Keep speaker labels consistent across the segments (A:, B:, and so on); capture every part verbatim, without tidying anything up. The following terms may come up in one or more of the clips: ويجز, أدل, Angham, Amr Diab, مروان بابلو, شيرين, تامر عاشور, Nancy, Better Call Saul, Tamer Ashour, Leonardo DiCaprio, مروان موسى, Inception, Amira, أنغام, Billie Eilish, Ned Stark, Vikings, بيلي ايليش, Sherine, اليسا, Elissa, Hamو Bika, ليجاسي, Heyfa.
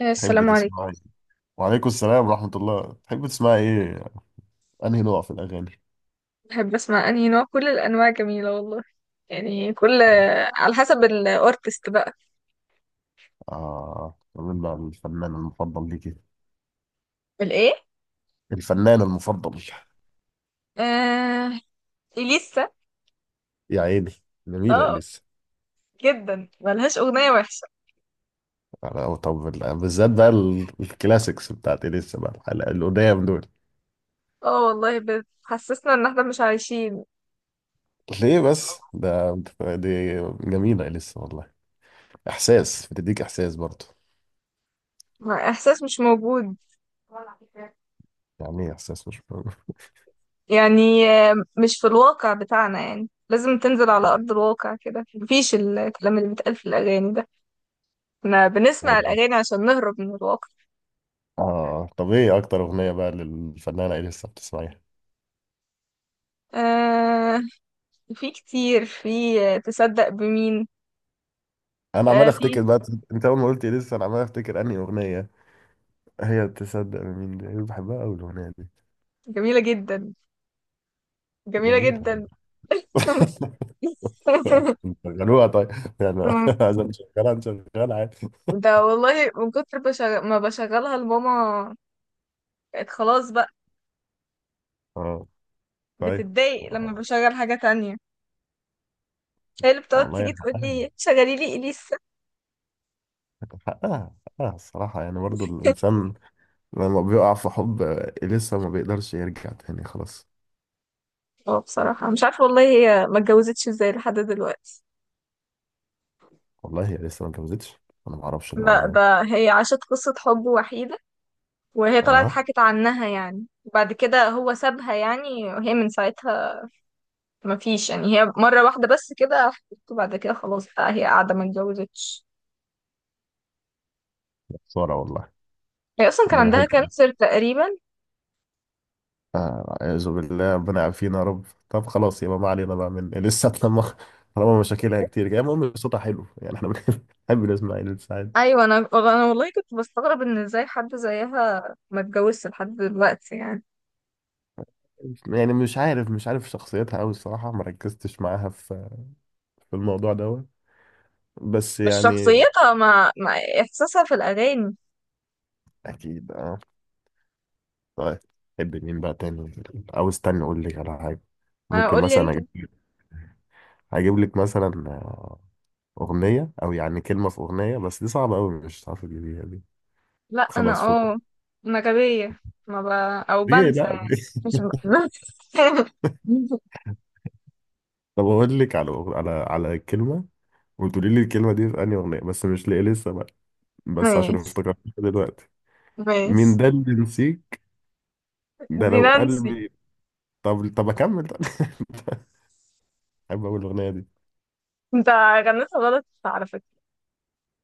A: آه،
B: تحب
A: السلام عليكم.
B: تسمعي وعليكم السلام ورحمة الله. تحب تسمعي ايه؟ انهي نوع في الاغاني؟
A: بحب اسمع انهي نوع، كل الانواع جميله والله، يعني كل
B: اه.
A: على حسب الارتست بقى.
B: آه، مين بقى الفنان المفضل ليكي؟
A: الايه؟
B: الفنان المفضل.
A: آه... اليسا.
B: يا عيني، جميلة
A: اه،
B: اليسا.
A: جدا ملهاش اغنيه وحشه.
B: أنا- طب ال- بالذات بقى ال- الكلاسيكس بتاعت اليسا بقى الحلقة- القدام دول.
A: اه والله، بتحسسنا ان احنا مش عايشين.
B: ليه بس ده؟ دي جميلة اليسا والله. احساس، بتديك احساس برضه.
A: احساس مش موجود.
B: يعني ايه احساس مش
A: يعني آه، مش في الواقع بتاعنا، يعني لازم تنزل على ارض الواقع كده، مفيش الكلام اللي بيتقال في الاغاني ده. احنا
B: اه.
A: بنسمع الاغاني عشان نهرب من الواقع.
B: آه، طب ايه اكتر اغنية بقى للفنانة اليسا بتسمعيها؟
A: آه... في كتير، في تصدق بمين.
B: انا عمال
A: آه في.
B: افتكر بقى. انت اول ما قلت إيه لسه انا عمال افتكر انهي اغنيه. هي تصدق من مين دي، أنا بحبها قوي الاغنيه دي.
A: جميلة جدا، جميلة
B: جميله أوي.
A: جدا.
B: نشغلوها طيب. يعني عايز نشغلها، نشغلها عادي.
A: ده والله من كتر بشغ... ما بشغلها لماما. بقت خلاص بقى.
B: اه، طيب.
A: بتتضايق لما بشغل حاجة تانية، هي اللي بتقعد
B: والله
A: تيجي تقول
B: حقها،
A: لي شغلي لي إليسا.
B: حقها حقها الصراحه، يعني برضو الانسان لما بيقع في حب لسه ما بيقدرش يرجع تاني، خلاص.
A: اه، بصراحة مش عارفة والله، هي ما اتجوزتش ازاي لحد دلوقتي.
B: والله هي لسه ما اتجوزتش؟ انا ما اعرفش
A: لا،
B: المعلومه دي.
A: ده هي عاشت قصة حب وحيدة، وهي طلعت
B: اه،
A: حكت عنها يعني. بعد كده هو سابها يعني، وهي من ساعتها ما فيش، يعني هي مرة واحدة بس كده حبيبته، بعد كده خلاص بقى هي قاعدة ما اتجوزتش.
B: خساره والله.
A: هي أصلا كان
B: انا
A: عندها
B: بحب
A: كانسر تقريبا.
B: أعوذ بالله، ربنا يعافينا يا رب. طب خلاص يبقى ما علينا بقى من لسه لما. طالما مشاكلها كتير كده، المهم صوتها حلو يعني، احنا بنحب نسمع عيلة سعيد.
A: أيوة، أنا أنا والله كنت بستغرب إن إزاي حد زيها ما اتجوزش لحد دلوقتي يعني.
B: يعني مش عارف مش عارف شخصيتها أوي الصراحة، ما ركزتش معاها في في الموضوع دوت، بس
A: مش
B: يعني.
A: شخصيتها مع, مع إحساسها في الأغاني.
B: أكيد أه. طيب، تحب مين بقى تاني؟ أو استنى أقول لك على حاجة،
A: أنا
B: ممكن
A: أقول لي
B: مثلا
A: أنت.
B: أجيب لك أجيب لك مثلا آه، أغنية أو يعني كلمة في أغنية. بس دي صعبة أوي، مش هتعرفي تجيبيها دي.
A: لأ، أنا.
B: خلاص فوق.
A: أه أنا غبية. ما ب... أو
B: ليه
A: بنسى
B: لا
A: يعني. مش ب...
B: طب اقول لك على على على كلمه، وتقولي لي الكلمه دي في انهي اغنيه. بس مش لاقي لسه بقى، بس عشان
A: ماشي،
B: افتكرتها دلوقتي. مين
A: ماشي.
B: ده اللي نسيك، ده
A: دي
B: لو
A: نانسي.
B: قلبي. طب طب اكمل طب احب اقول الاغنيه دي.
A: أنت غنيتها غلط على فكرة.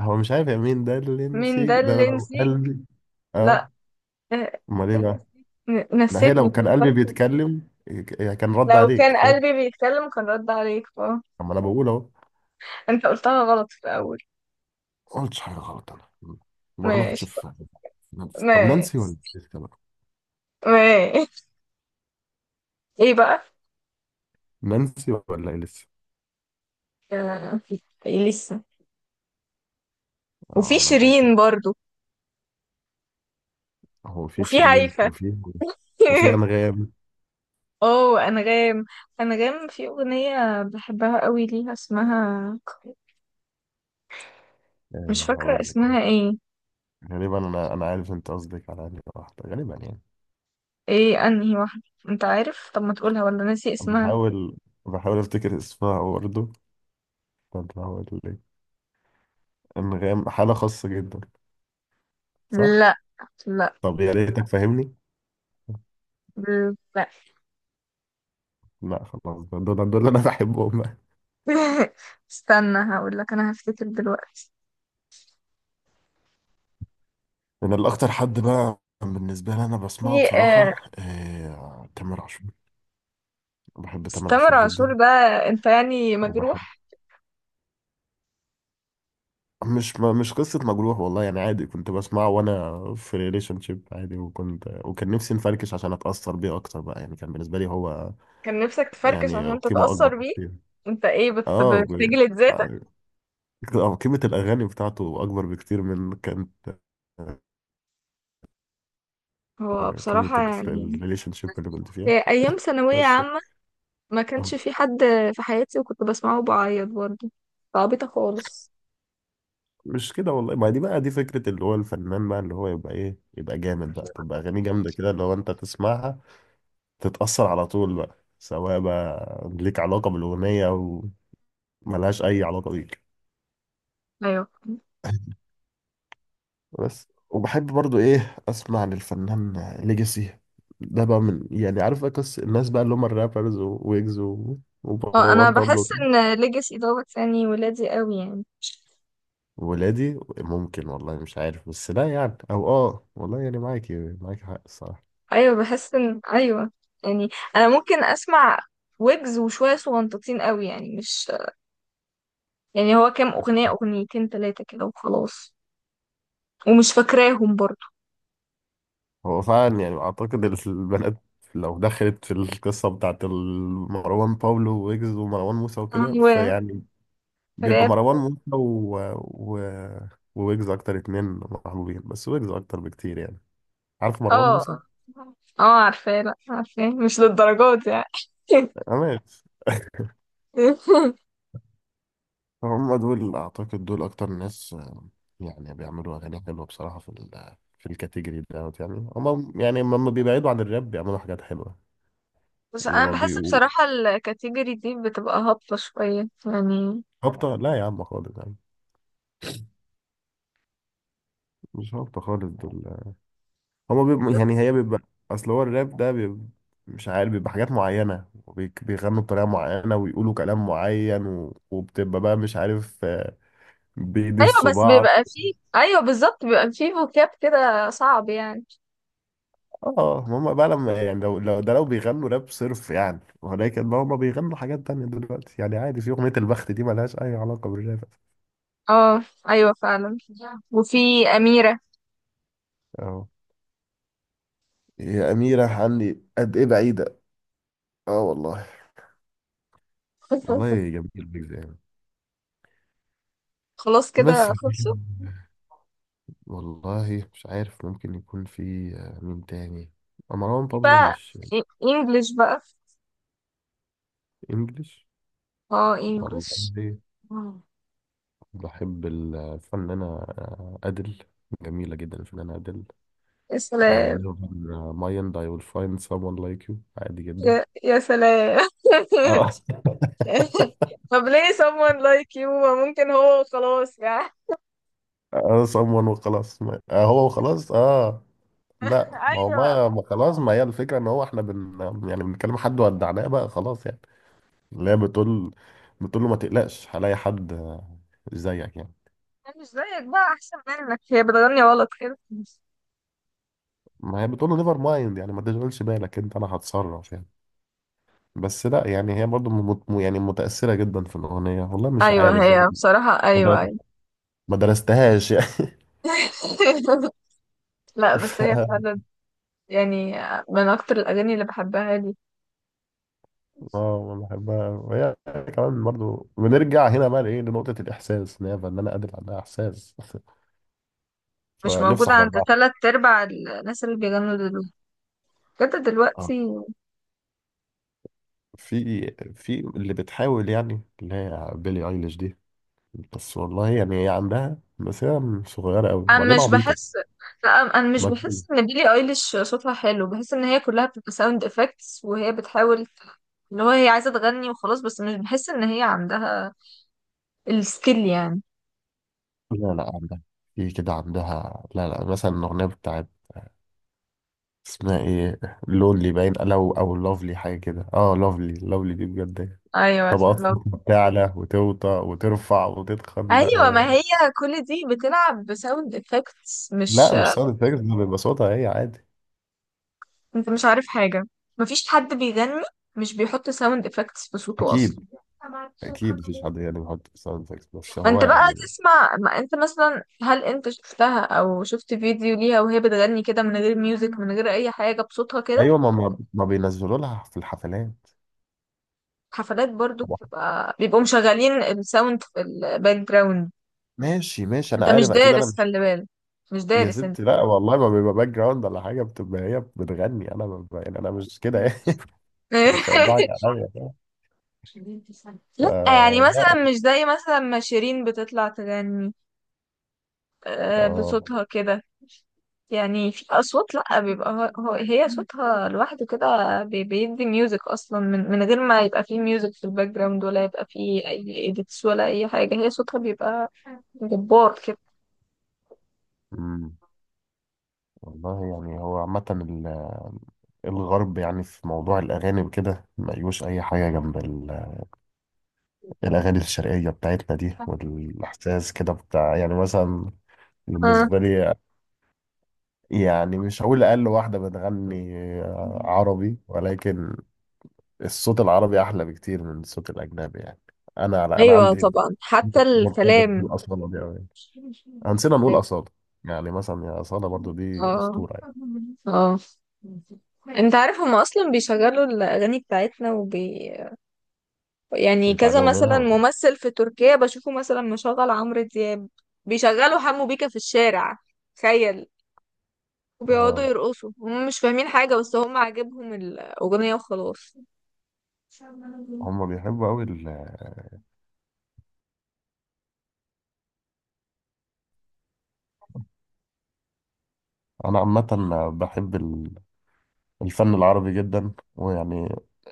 B: هو مش عارف يا مين ده اللي
A: مين ده
B: نسيك ده
A: اللي
B: لو
A: نسي؟
B: قلبي. اه،
A: لا. آه.
B: امال ايه
A: إيه،
B: بقى؟
A: ن-
B: ما هي لو
A: نسيتني في
B: كان
A: الفرق.
B: قلبي بيتكلم ك- كان رد
A: لو كان
B: عليك بس.
A: قلبي بيتكلم كان رد عليك، اه.
B: اما انا بقول اهو.
A: انت قلتها غلط في الأول.
B: ما قلتش حاجه غلط انا، ما غلطتش
A: ماشي،
B: في في نانسي؟ طب نانسي ولا
A: ماشي،
B: لسه بقى؟
A: ماشي. ايه بقى؟
B: نانسي ولا إيه لسه؟
A: آه، ايه لسه. وفي
B: اه، انا معاك.
A: شيرين برضو،
B: هو في
A: وفي
B: شيرين
A: هيفا.
B: وفي وفي أنغام.
A: اوه، انغام. انغام في اغنية بحبها قوي ليها اسمها، مش
B: آه،
A: فاكرة
B: هقول لك أهو.
A: اسمها ايه.
B: غالبا أنا أنا عارف أنت قصدك على أنهي واحدة غالبا يعني.
A: ايه، انهي واحدة؟ انت عارف؟ طب ما تقولها، ولا ناسي اسمها؟
B: بحاول بحاول أفتكر اسمها برضه. طب هقول لك، أنغام حالة خاصة جدا، صح؟
A: لا، لا،
B: طب يا ريتك فاهمني.
A: لا.
B: لا خلاص، دول دول دول أنا بحبهم بقى.
A: استنى، هقول لك، انا هفتكر دلوقتي.
B: أنا الأكتر حد بقى بالنسبة لي أنا بسمعه
A: في. آه،
B: بصراحة آه، تامر عاشور. بحب
A: بس
B: تامر
A: تامر
B: عاشور
A: عاشور
B: جدا.
A: ده، انت يعني
B: وبحب.
A: مجروح؟
B: مش ما مش قصة مجروح والله يعني، عادي كنت بسمعه وانا في ريليشن شيب عادي. وكنت وكان نفسي نفركش عشان اتأثر بيه اكتر بقى يعني، كان بالنسبة لي هو
A: كان نفسك تفركش
B: يعني
A: عشان
B: قيمة اكبر
A: تتأثر بيه؟
B: بكتير.
A: انت ايه، بت-
B: اه ب-
A: بتجلد ذاتك؟
B: آه، آه، قيمة الاغاني بتاعته اكبر بكتير من كانت
A: هو
B: آه، قيمة
A: بصراحة يعني،
B: الريليشن شيب اللي كنت فيها.
A: في ايام ثانوية
B: بس.
A: عامة ما
B: آه،
A: كانش في حد في حياتي، وكنت بسمعه وبعيط برضه، فعبيطة خالص.
B: مش كده والله. ما دي بقى دي فكرة اللي هو الفنان بقى، اللي هو يبقى ايه، يبقى جامد بقى، تبقى اغانيه جامدة كده اللي هو انت تسمعها تتأثر على طول بقى، سواء بقى ليك علاقة بالأغنية أو ملهاش أي علاقة بيك.
A: ايوه.
B: بس. وبحب برضو إيه أسمع للفنان ليجاسي. ده بقى من يعني عارف أكس الناس بقى اللي هم الرابرز، وويجز و-
A: اه، انا
B: ومروان
A: بحس
B: بابلو.
A: ان ليجاسي دوت يعني ولادي قوي يعني.
B: ولادي ممكن والله، مش عارف. بس لا يعني، أو آه والله يعني معاكي معاكي حق الصراحة.
A: ايوه، بحس ان، ايوه يعني. انا ممكن اسمع ويجز وشويه صغنططين قوي يعني، مش يعني، هو كام اغنيه، اغنيتين ثلاثه كده وخلاص. ومش فاكراهم برضو.
B: هو فعلا يعني أعتقد البنات لو دخلت في القصة بتاعت مروان باولو، ويجز ومروان موسى وكده،
A: ايوه،
B: فيعني بيبقى
A: راب.
B: مروان موسى و... و... وويجز اكتر اتنين محبوبين، بس ويجز اكتر بكتير يعني. عارف
A: اه،
B: مروان موسى.
A: اه. آه، عارفاه. لا، عارفاه مش للدرجات يعني.
B: انا. هم دول اعتقد، دول اكتر ناس آه، يعني بيعملوا اغاني حلوه بصراحه في ال في الكاتيجوري دوت يعني. هم يعني لما بيبعدوا عن الراب بيعملوا حاجات حلوه
A: بس
B: اللي
A: انا
B: ما
A: بحس
B: بيبقوا.
A: بصراحه، الكاتيجوري دي بتبقى هابطه شويه يعني.
B: هابطه لا يا عم، خالص يعني. مش هابطه خالص دول، هما بيبقوا يعني، هي بيبقى، اصل هو الراب ده بيبقى مش عارف، بيبقى حاجات معينة، وبيك- بيغنوا بطريقة معينة ويقولوا كلام معين و... وبتبقى بقى مش عارف آه،
A: ايوه،
B: بيدسوا
A: بس
B: بعض.
A: بيبقى فيه، ايوه بالظبط، بيبقى فيه فوكاب كده صعب يعني.
B: اه هما بقى لما يعني لو, لو ده لو بيغنوا راب صرف يعني، ولكن بقى هما بيغنوا حاجات تانية دلوقتي يعني، عادي. في أغنية البخت دي ملهاش أي علاقة بالراب.
A: اه، ايوه فعلا. وفي اميره.
B: اه. يا أميرة عني قد إيه بعيدة. اه والله،
A: بس
B: والله جميل بيك يعني.
A: خلاص
B: بس
A: كده، خلصوا.
B: والله مش عارف، ممكن يكون في آه، مين تاني. مروان
A: في
B: بابلو،
A: بقى
B: مش
A: انجلش بقى.
B: انجليش،
A: اه،
B: والله.
A: انجلش. آه.
B: بحب الفنانة آه، أدل. جميلة جدا الفنانة أدل.
A: يا
B: آه،
A: سلام.
B: never mind, I will find someone like you. عادي جدا.
A: يا, يا سلام.
B: اه
A: طب ليه someone like you؟ ما ممكن هو خلاص يعني.
B: اه، someone وخلاص. ما- آه هو وخلاص اه. لا ما هو
A: ايوه،
B: بقى، ما خلاص، ما هي الفكرة ان هو احنا بن يعني بنتكلم حد ودعناه بقى، خلاص يعني. اللي هي بتقول بتقول له ما تقلقش هلاقي حد آه، زيك يعني.
A: أنا مش زيك بقى احسن منك، هي بتغني غلط كده.
B: ما هي بتقول له نيفر مايند يعني ما تشغلش بالك انت، انا هتصرف يعني. بس لا يعني هي برضو مت... يعني متأثرة جدا في الأغنية، والله مش
A: ايوه،
B: عارف
A: هي
B: يعني.
A: بصراحة،
B: ما در-
A: ايوه، ايوه.
B: ما درستهاش يعني
A: لا بس
B: ف...
A: هي فعلا يعني، من اكتر الاغاني اللي بحبها لي.
B: اه، ما بحبها. وهي كمان برضو بنرجع هنا بقى لإيه، لنقطة الإحساس، إن هي فنانة قادرة عندها إحساس
A: مش
B: فنفسي
A: موجودة
B: أحضر
A: عند
B: بقى.
A: تلات ارباع الناس اللي بيغنوا دلوقتي، بجد
B: اه،
A: دلوقتي.
B: في في اللي بتحاول يعني اللي هي بيلي ايليش دي. بس والله يعني هي عندها، بس هي صغيرة قوي
A: انا
B: وبعدين
A: مش بحس.
B: عبيطة
A: لا، انا أنا مش
B: مجنونة.
A: بحس ان بيلي ايليش صوتها حلو، بحس ان هي كلها بتبقى ساوند افكتس وهي بتحاول، اللي هو هي عايزه تغني وخلاص، بس مش بحس ان هي عندها السكيل يعني.
B: لا لا عندها. في كده عندها. لا لا مثلا الأغنية بتاعت اسمها ايه، لونلي باين لو أو لوفلي حاجة كده. اه لوفلي، لوفلي دي بجد
A: ايوه،
B: طبقات
A: فهمت.
B: بتعلى وتوطى وترفع وتتخن. لا
A: ايوه، ما
B: هي.
A: هي كل دي بتلعب بساوند افكتس، مش...
B: لا مش ساوند افكتس، ده بيبقى صوتها هي عادي.
A: انت مش عارف حاجه. مفيش حد بيغني مش بيحط ساوند افكتس في صوته
B: أكيد.
A: اصلا.
B: أكيد مفيش حد يعني بيحط ساوند افكتس، بس
A: ما
B: هو
A: انت بقى
B: يعني.
A: تسمع، ما انت مثلا، هل انت شفتها او شفت فيديو ليها وهي بتغني كده من غير ميوزك، من غير اي حاجة بصوتها كده؟
B: أيوة، ما ما ما بينزلوا لها في الحفلات.
A: حفلات برضو
B: طبعا.
A: بتبقى، بيبقوا مشغلين الساوند في الباك جراوند.
B: ماشي ماشي، أنا
A: انت مش
B: عارف أكيد، أنا
A: دارس،
B: مش.
A: خلي بالك، مش
B: يا
A: دارس انت.
B: ستي لا والله، ما بيبقى باك جراوند ولا حاجة، بتبقى هي بتغني. أنا ببقى يعني، أنا مش كده يعني. مش هيضحك عليا بقى.
A: لا يعني
B: فلا.
A: مثلا، مش زي مثلا ما شيرين بتطلع تغني آه،
B: آه،
A: بصوتها كده. يعني في أصوات، لأ، بيبقى هو هو- هي صوتها لوحده كده. بي- بيدي ميوزك أصلا من, من غير ما يبقى فيه ميوزك في الباك جراوند، ولا يبقى فيه أي إيديتس ولا أي حاجة. هي صوتها بيبقى جبار كده.
B: أمم، والله يعني هو عامة ال- الغرب، يعني في موضوع الأغاني وكده، مليوش أي حاجة جنب ال- الأغاني الشرقية بتاعتنا دي، والإحساس كده بتاع، يعني مثلا
A: اه،
B: بالنسبة لي. يعني مش هقول أقل واحدة بتغني آه، عربي، ولكن الصوت العربي أحلى بكتير من الصوت الأجنبي يعني. أنا أنا
A: أيوة
B: عندي
A: طبعا، حتى
B: مرتبط
A: الكلام.
B: بالأصالة دي أوي، هنسينا نقول
A: أيوة.
B: أصالة. يعني مثلا يا أصالة برضو، دي
A: اه،
B: أسطورة يعني.
A: اه، انت عارف هما اصلا بيشغلوا الاغاني بتاعتنا، وبي... يعني كذا
B: بيتعلموا منها
A: مثلا
B: ولا؟
A: ممثل في تركيا بشوفه مثلا مشغل عمرو دياب. بيشغلوا حمو بيكا في الشارع. تخيل. وبيقعدوا
B: آه،
A: يرقصوا، هم مش فاهمين حاجة، بس هم عاجبهم الأغنية وخلاص. إن
B: هم بيحبوا أوي ال... آه، أنا عامة بحب ال- الفن العربي جدا، ويعني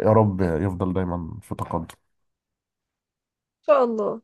B: يا رب يفضل دايما في تقدم.
A: شاء الله.